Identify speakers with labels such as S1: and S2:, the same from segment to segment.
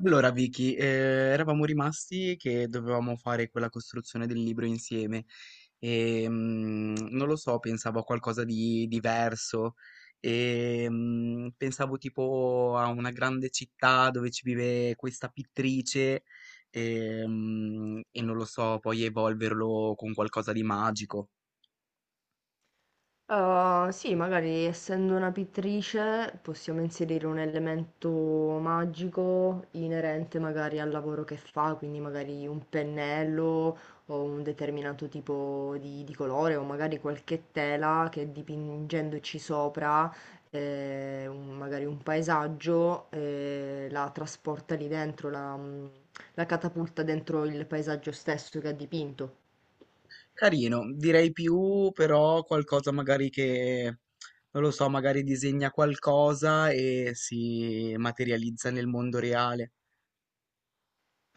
S1: Allora Vicky, eravamo rimasti che dovevamo fare quella costruzione del libro insieme e non lo so, pensavo a qualcosa di diverso e pensavo tipo a una grande città dove ci vive questa pittrice e, e non lo so, poi evolverlo con qualcosa di magico.
S2: Sì, magari essendo una pittrice possiamo inserire un elemento magico inerente magari al lavoro che fa, quindi magari un pennello o un determinato tipo di colore o magari qualche tela che dipingendoci sopra magari un paesaggio la trasporta lì dentro, la catapulta dentro il paesaggio stesso che ha dipinto.
S1: Carino, direi più però qualcosa magari che, non lo so, magari disegna qualcosa e si materializza nel mondo reale.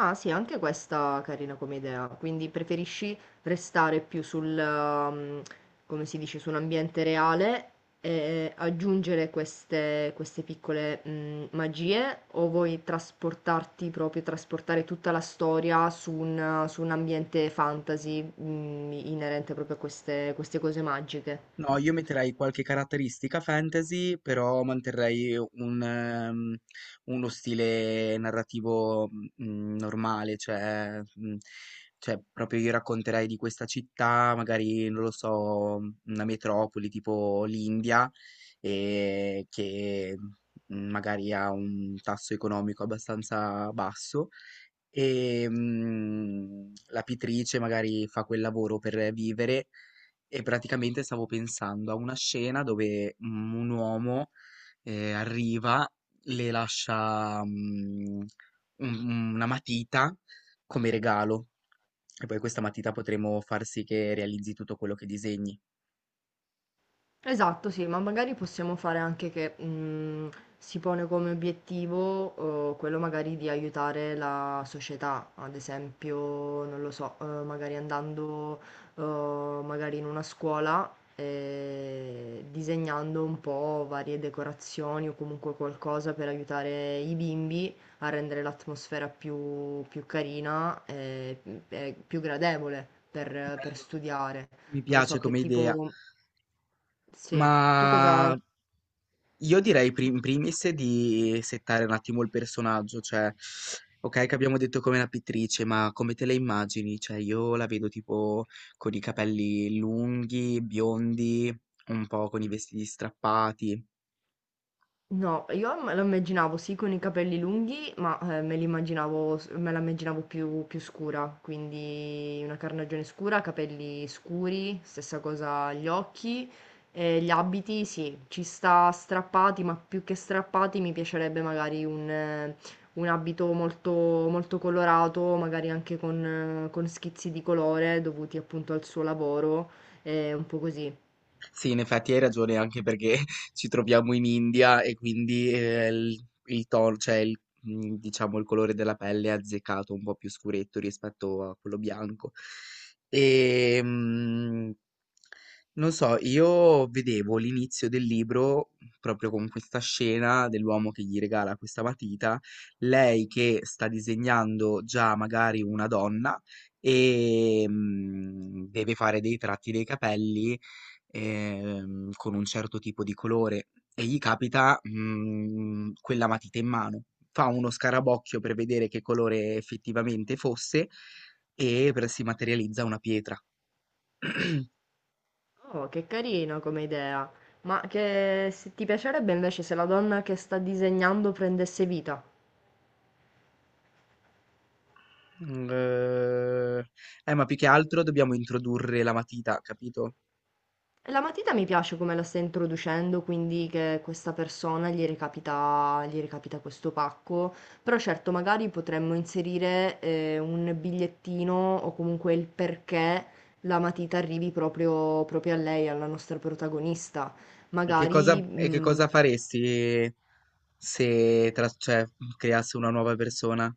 S2: Ah sì, anche questa carina come idea, quindi preferisci restare più sul come si dice, su un ambiente reale e aggiungere queste piccole magie, o vuoi trasportarti proprio, trasportare tutta la storia su su un ambiente fantasy inerente proprio a queste cose magiche?
S1: No, io metterei qualche caratteristica fantasy, però manterrei un, uno stile narrativo normale, cioè, cioè proprio io racconterei di questa città, magari non lo so, una metropoli tipo l'India, e che magari ha un tasso economico abbastanza basso e la pittrice magari fa quel lavoro per vivere e praticamente stavo pensando a una scena dove un uomo arriva, le lascia una matita come regalo e poi questa matita potremo far sì che realizzi tutto quello che disegni.
S2: Esatto, sì, ma magari possiamo fare anche che si pone come obiettivo quello magari di aiutare la società, ad esempio, non lo so, magari andando magari in una scuola e disegnando un po' varie decorazioni o comunque qualcosa per aiutare i bimbi a rendere l'atmosfera più, più carina e più gradevole per
S1: Bello,
S2: studiare.
S1: mi
S2: Non lo
S1: piace
S2: so che
S1: come idea,
S2: tipo... Sì,
S1: ma
S2: tu cosa...
S1: io direi pri in primis di settare un attimo il personaggio, cioè okay che abbiamo detto come la pittrice, ma come te la immagini? Cioè io la vedo tipo con i capelli lunghi, biondi, un po' con i vestiti strappati.
S2: No, io me lo immaginavo sì con i capelli lunghi, ma me la immaginavo più, più scura, quindi una carnagione scura, capelli scuri, stessa cosa gli occhi, e gli abiti sì, ci sta strappati, ma più che strappati mi piacerebbe magari un abito molto, molto colorato, magari anche con schizzi di colore dovuti appunto al suo lavoro, un po' così.
S1: Sì, in effetti hai ragione, anche perché ci troviamo in India e quindi, il tono cioè il mhmm, diciamo il colore della pelle è azzeccato, un po' più scuretto rispetto a quello bianco. Ehm, non so, io vedevo l'inizio del libro proprio con questa scena dell'uomo che gli regala questa matita, lei che sta disegnando già magari una donna, deve fare dei tratti dei capelli con un certo tipo di colore e gli capita, mhmm, quella matita in mano. Fa uno scarabocchio per vedere che colore effettivamente fosse e per si materializza una pietra.
S2: Oh, che carino come idea. Ma che se ti piacerebbe invece se la donna che sta disegnando prendesse vita?
S1: Mhmm, ma più che altro dobbiamo introdurre la matita, capito?
S2: E la matita mi piace come la sta introducendo, quindi che questa persona gli recapita questo pacco. Però certo, magari potremmo inserire un bigliettino o comunque il perché la matita arrivi proprio, proprio a lei, alla nostra protagonista.
S1: E che cosa
S2: Magari, mm,
S1: faresti se tras cioè, creasse una nuova persona?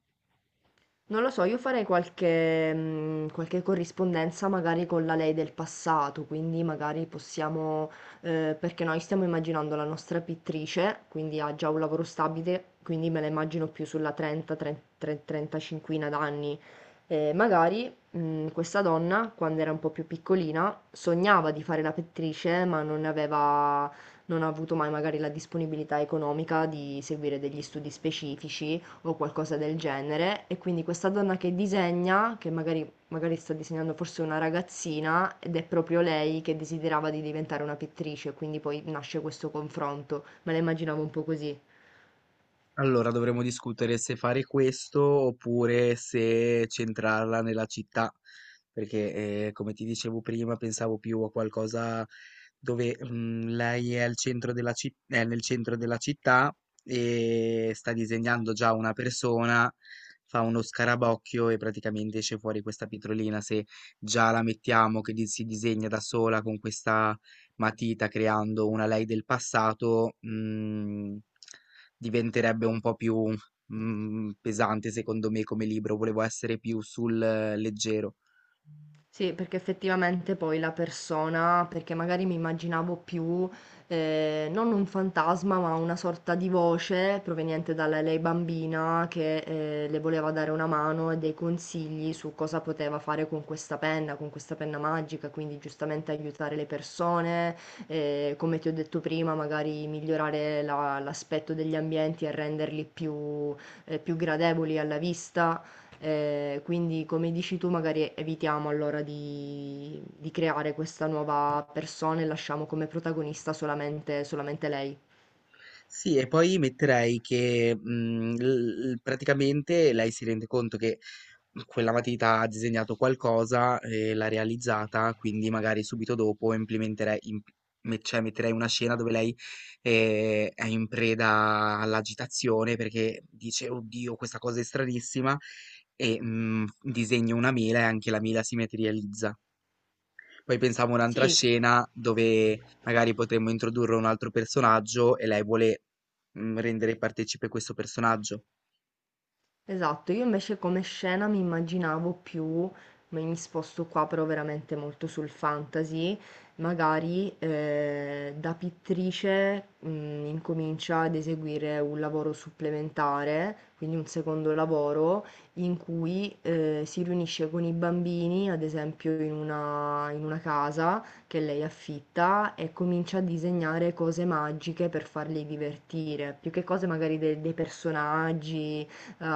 S2: Non lo so, io farei qualche corrispondenza magari con la lei del passato, quindi magari perché noi stiamo immaginando la nostra pittrice, quindi ha già un lavoro stabile, quindi me la immagino più sulla 30, 35 d'anni. Questa donna, quando era un po' più piccolina, sognava di fare la pittrice, ma non ha avuto mai magari la disponibilità economica di seguire degli studi specifici o qualcosa del genere. E quindi questa donna che disegna, magari sta disegnando forse una ragazzina, ed è proprio lei che desiderava di diventare una pittrice, quindi poi nasce questo confronto. Me la immaginavo un po' così.
S1: Allora dovremmo discutere se fare questo oppure se centrarla nella città, perché come ti dicevo prima pensavo più a qualcosa dove lei è, al centro della è nel centro della città e sta disegnando già una persona, fa uno scarabocchio e praticamente esce fuori questa pietrolina. Se già la mettiamo che si disegna da sola con questa matita creando una lei del passato, mm, diventerebbe un po' più, mhmm, pesante secondo me come libro, volevo essere più sul leggero.
S2: Sì, perché effettivamente poi la persona, perché magari mi immaginavo più non un fantasma, ma una sorta di voce proveniente dalla lei bambina che le voleva dare una mano e dei consigli su cosa poteva fare con questa penna magica, quindi giustamente aiutare le persone, come ti ho detto prima, magari migliorare l'aspetto degli ambienti e renderli più più gradevoli alla vista. Quindi come dici tu magari evitiamo allora di creare questa nuova persona e lasciamo come protagonista solamente lei.
S1: Sì, e poi metterei che, mhmm, l l praticamente lei si rende conto che mhmm, quella matita ha disegnato qualcosa e l'ha realizzata, quindi magari subito dopo implementerei imp me cioè metterei una scena dove lei, è in preda all'agitazione perché dice: "Oddio, questa cosa è stranissima" e, mhmm, disegna una mela e anche la mela si materializza. Poi pensavo a un'altra
S2: Sì,
S1: scena dove magari potremmo introdurre un altro personaggio e lei vuole rendere partecipe questo personaggio.
S2: esatto, io invece come scena mi immaginavo più, ma mi sposto qua però veramente molto sul fantasy, magari da pittrice incomincia ad eseguire un lavoro supplementare, quindi un secondo lavoro in cui si riunisce con i bambini, ad esempio in in una casa che lei affitta e comincia a disegnare cose magiche per farli divertire, più che cose magari dei personaggi.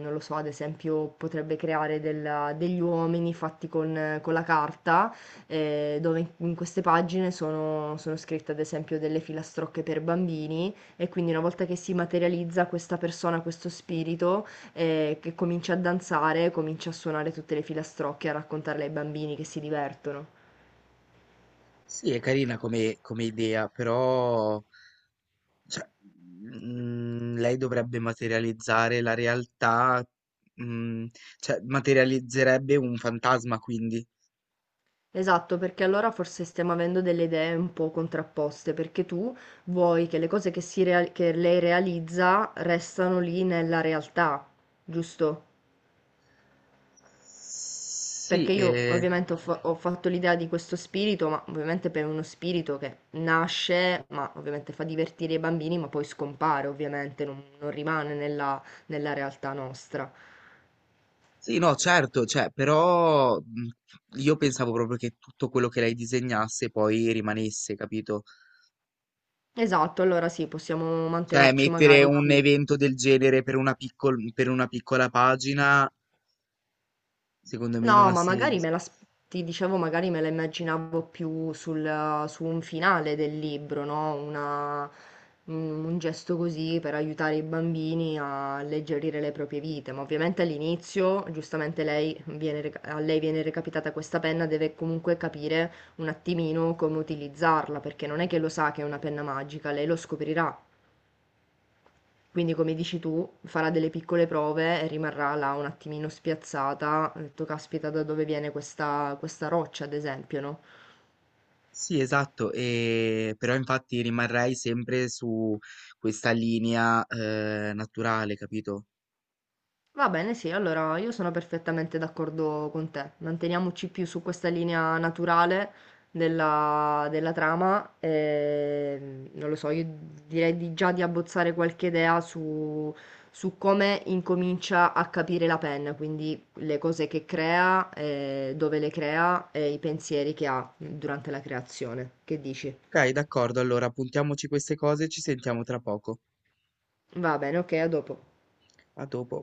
S2: Non lo so, ad esempio potrebbe creare del degli uomini fatti con la carta, dove in queste pagine sono scritte ad esempio delle filastrocche per bambini e quindi una volta che si materializza questa persona, questo spirito, che comincia a danzare, comincia a suonare tutte le filastrocche, a raccontarle ai bambini che si divertono.
S1: Sì, è carina come, come idea, però cioè, lei dovrebbe materializzare la realtà, mm, cioè materializzerebbe un fantasma, quindi.
S2: Esatto, perché allora forse stiamo avendo delle idee un po' contrapposte, perché tu vuoi che le cose che lei realizza restano lì nella realtà, giusto?
S1: Sì,
S2: Perché io ovviamente ho fatto l'idea di questo spirito, ma ovviamente per uno spirito che nasce, ma ovviamente fa divertire i bambini, ma poi scompare, ovviamente, non rimane nella realtà nostra.
S1: sì, no, certo, cioè, però io pensavo proprio che tutto quello che lei disegnasse poi rimanesse, capito?
S2: Esatto, allora sì, possiamo
S1: Cioè,
S2: mantenerci
S1: mettere
S2: magari
S1: un
S2: più.
S1: evento del genere per una per una piccola pagina, secondo me non
S2: No,
S1: ha
S2: ma magari
S1: senso.
S2: me la, s- Ti dicevo, magari me la immaginavo più sul, su un finale del libro, no? Un gesto così per aiutare i bambini a alleggerire le proprie vite. Ma ovviamente all'inizio, giustamente a lei viene recapitata questa penna, deve comunque capire un attimino come utilizzarla, perché non è che lo sa che è una penna magica, lei lo scoprirà. Quindi come dici tu, farà delle piccole prove e rimarrà là un attimino spiazzata. Ha detto, caspita, da dove viene questa, questa roccia, ad esempio, no?
S1: Sì, esatto, però infatti rimarrei sempre su questa linea naturale, capito?
S2: Va bene, sì, allora io sono perfettamente d'accordo con te. Manteniamoci più su questa linea naturale della trama. E, non lo so, io già di abbozzare qualche idea su come incomincia a capire la penna, quindi le cose che crea, dove le crea e i pensieri che ha durante la creazione. Che dici?
S1: Ok, d'accordo, allora puntiamoci queste cose e ci sentiamo tra poco.
S2: Va bene, ok, a dopo.
S1: A dopo.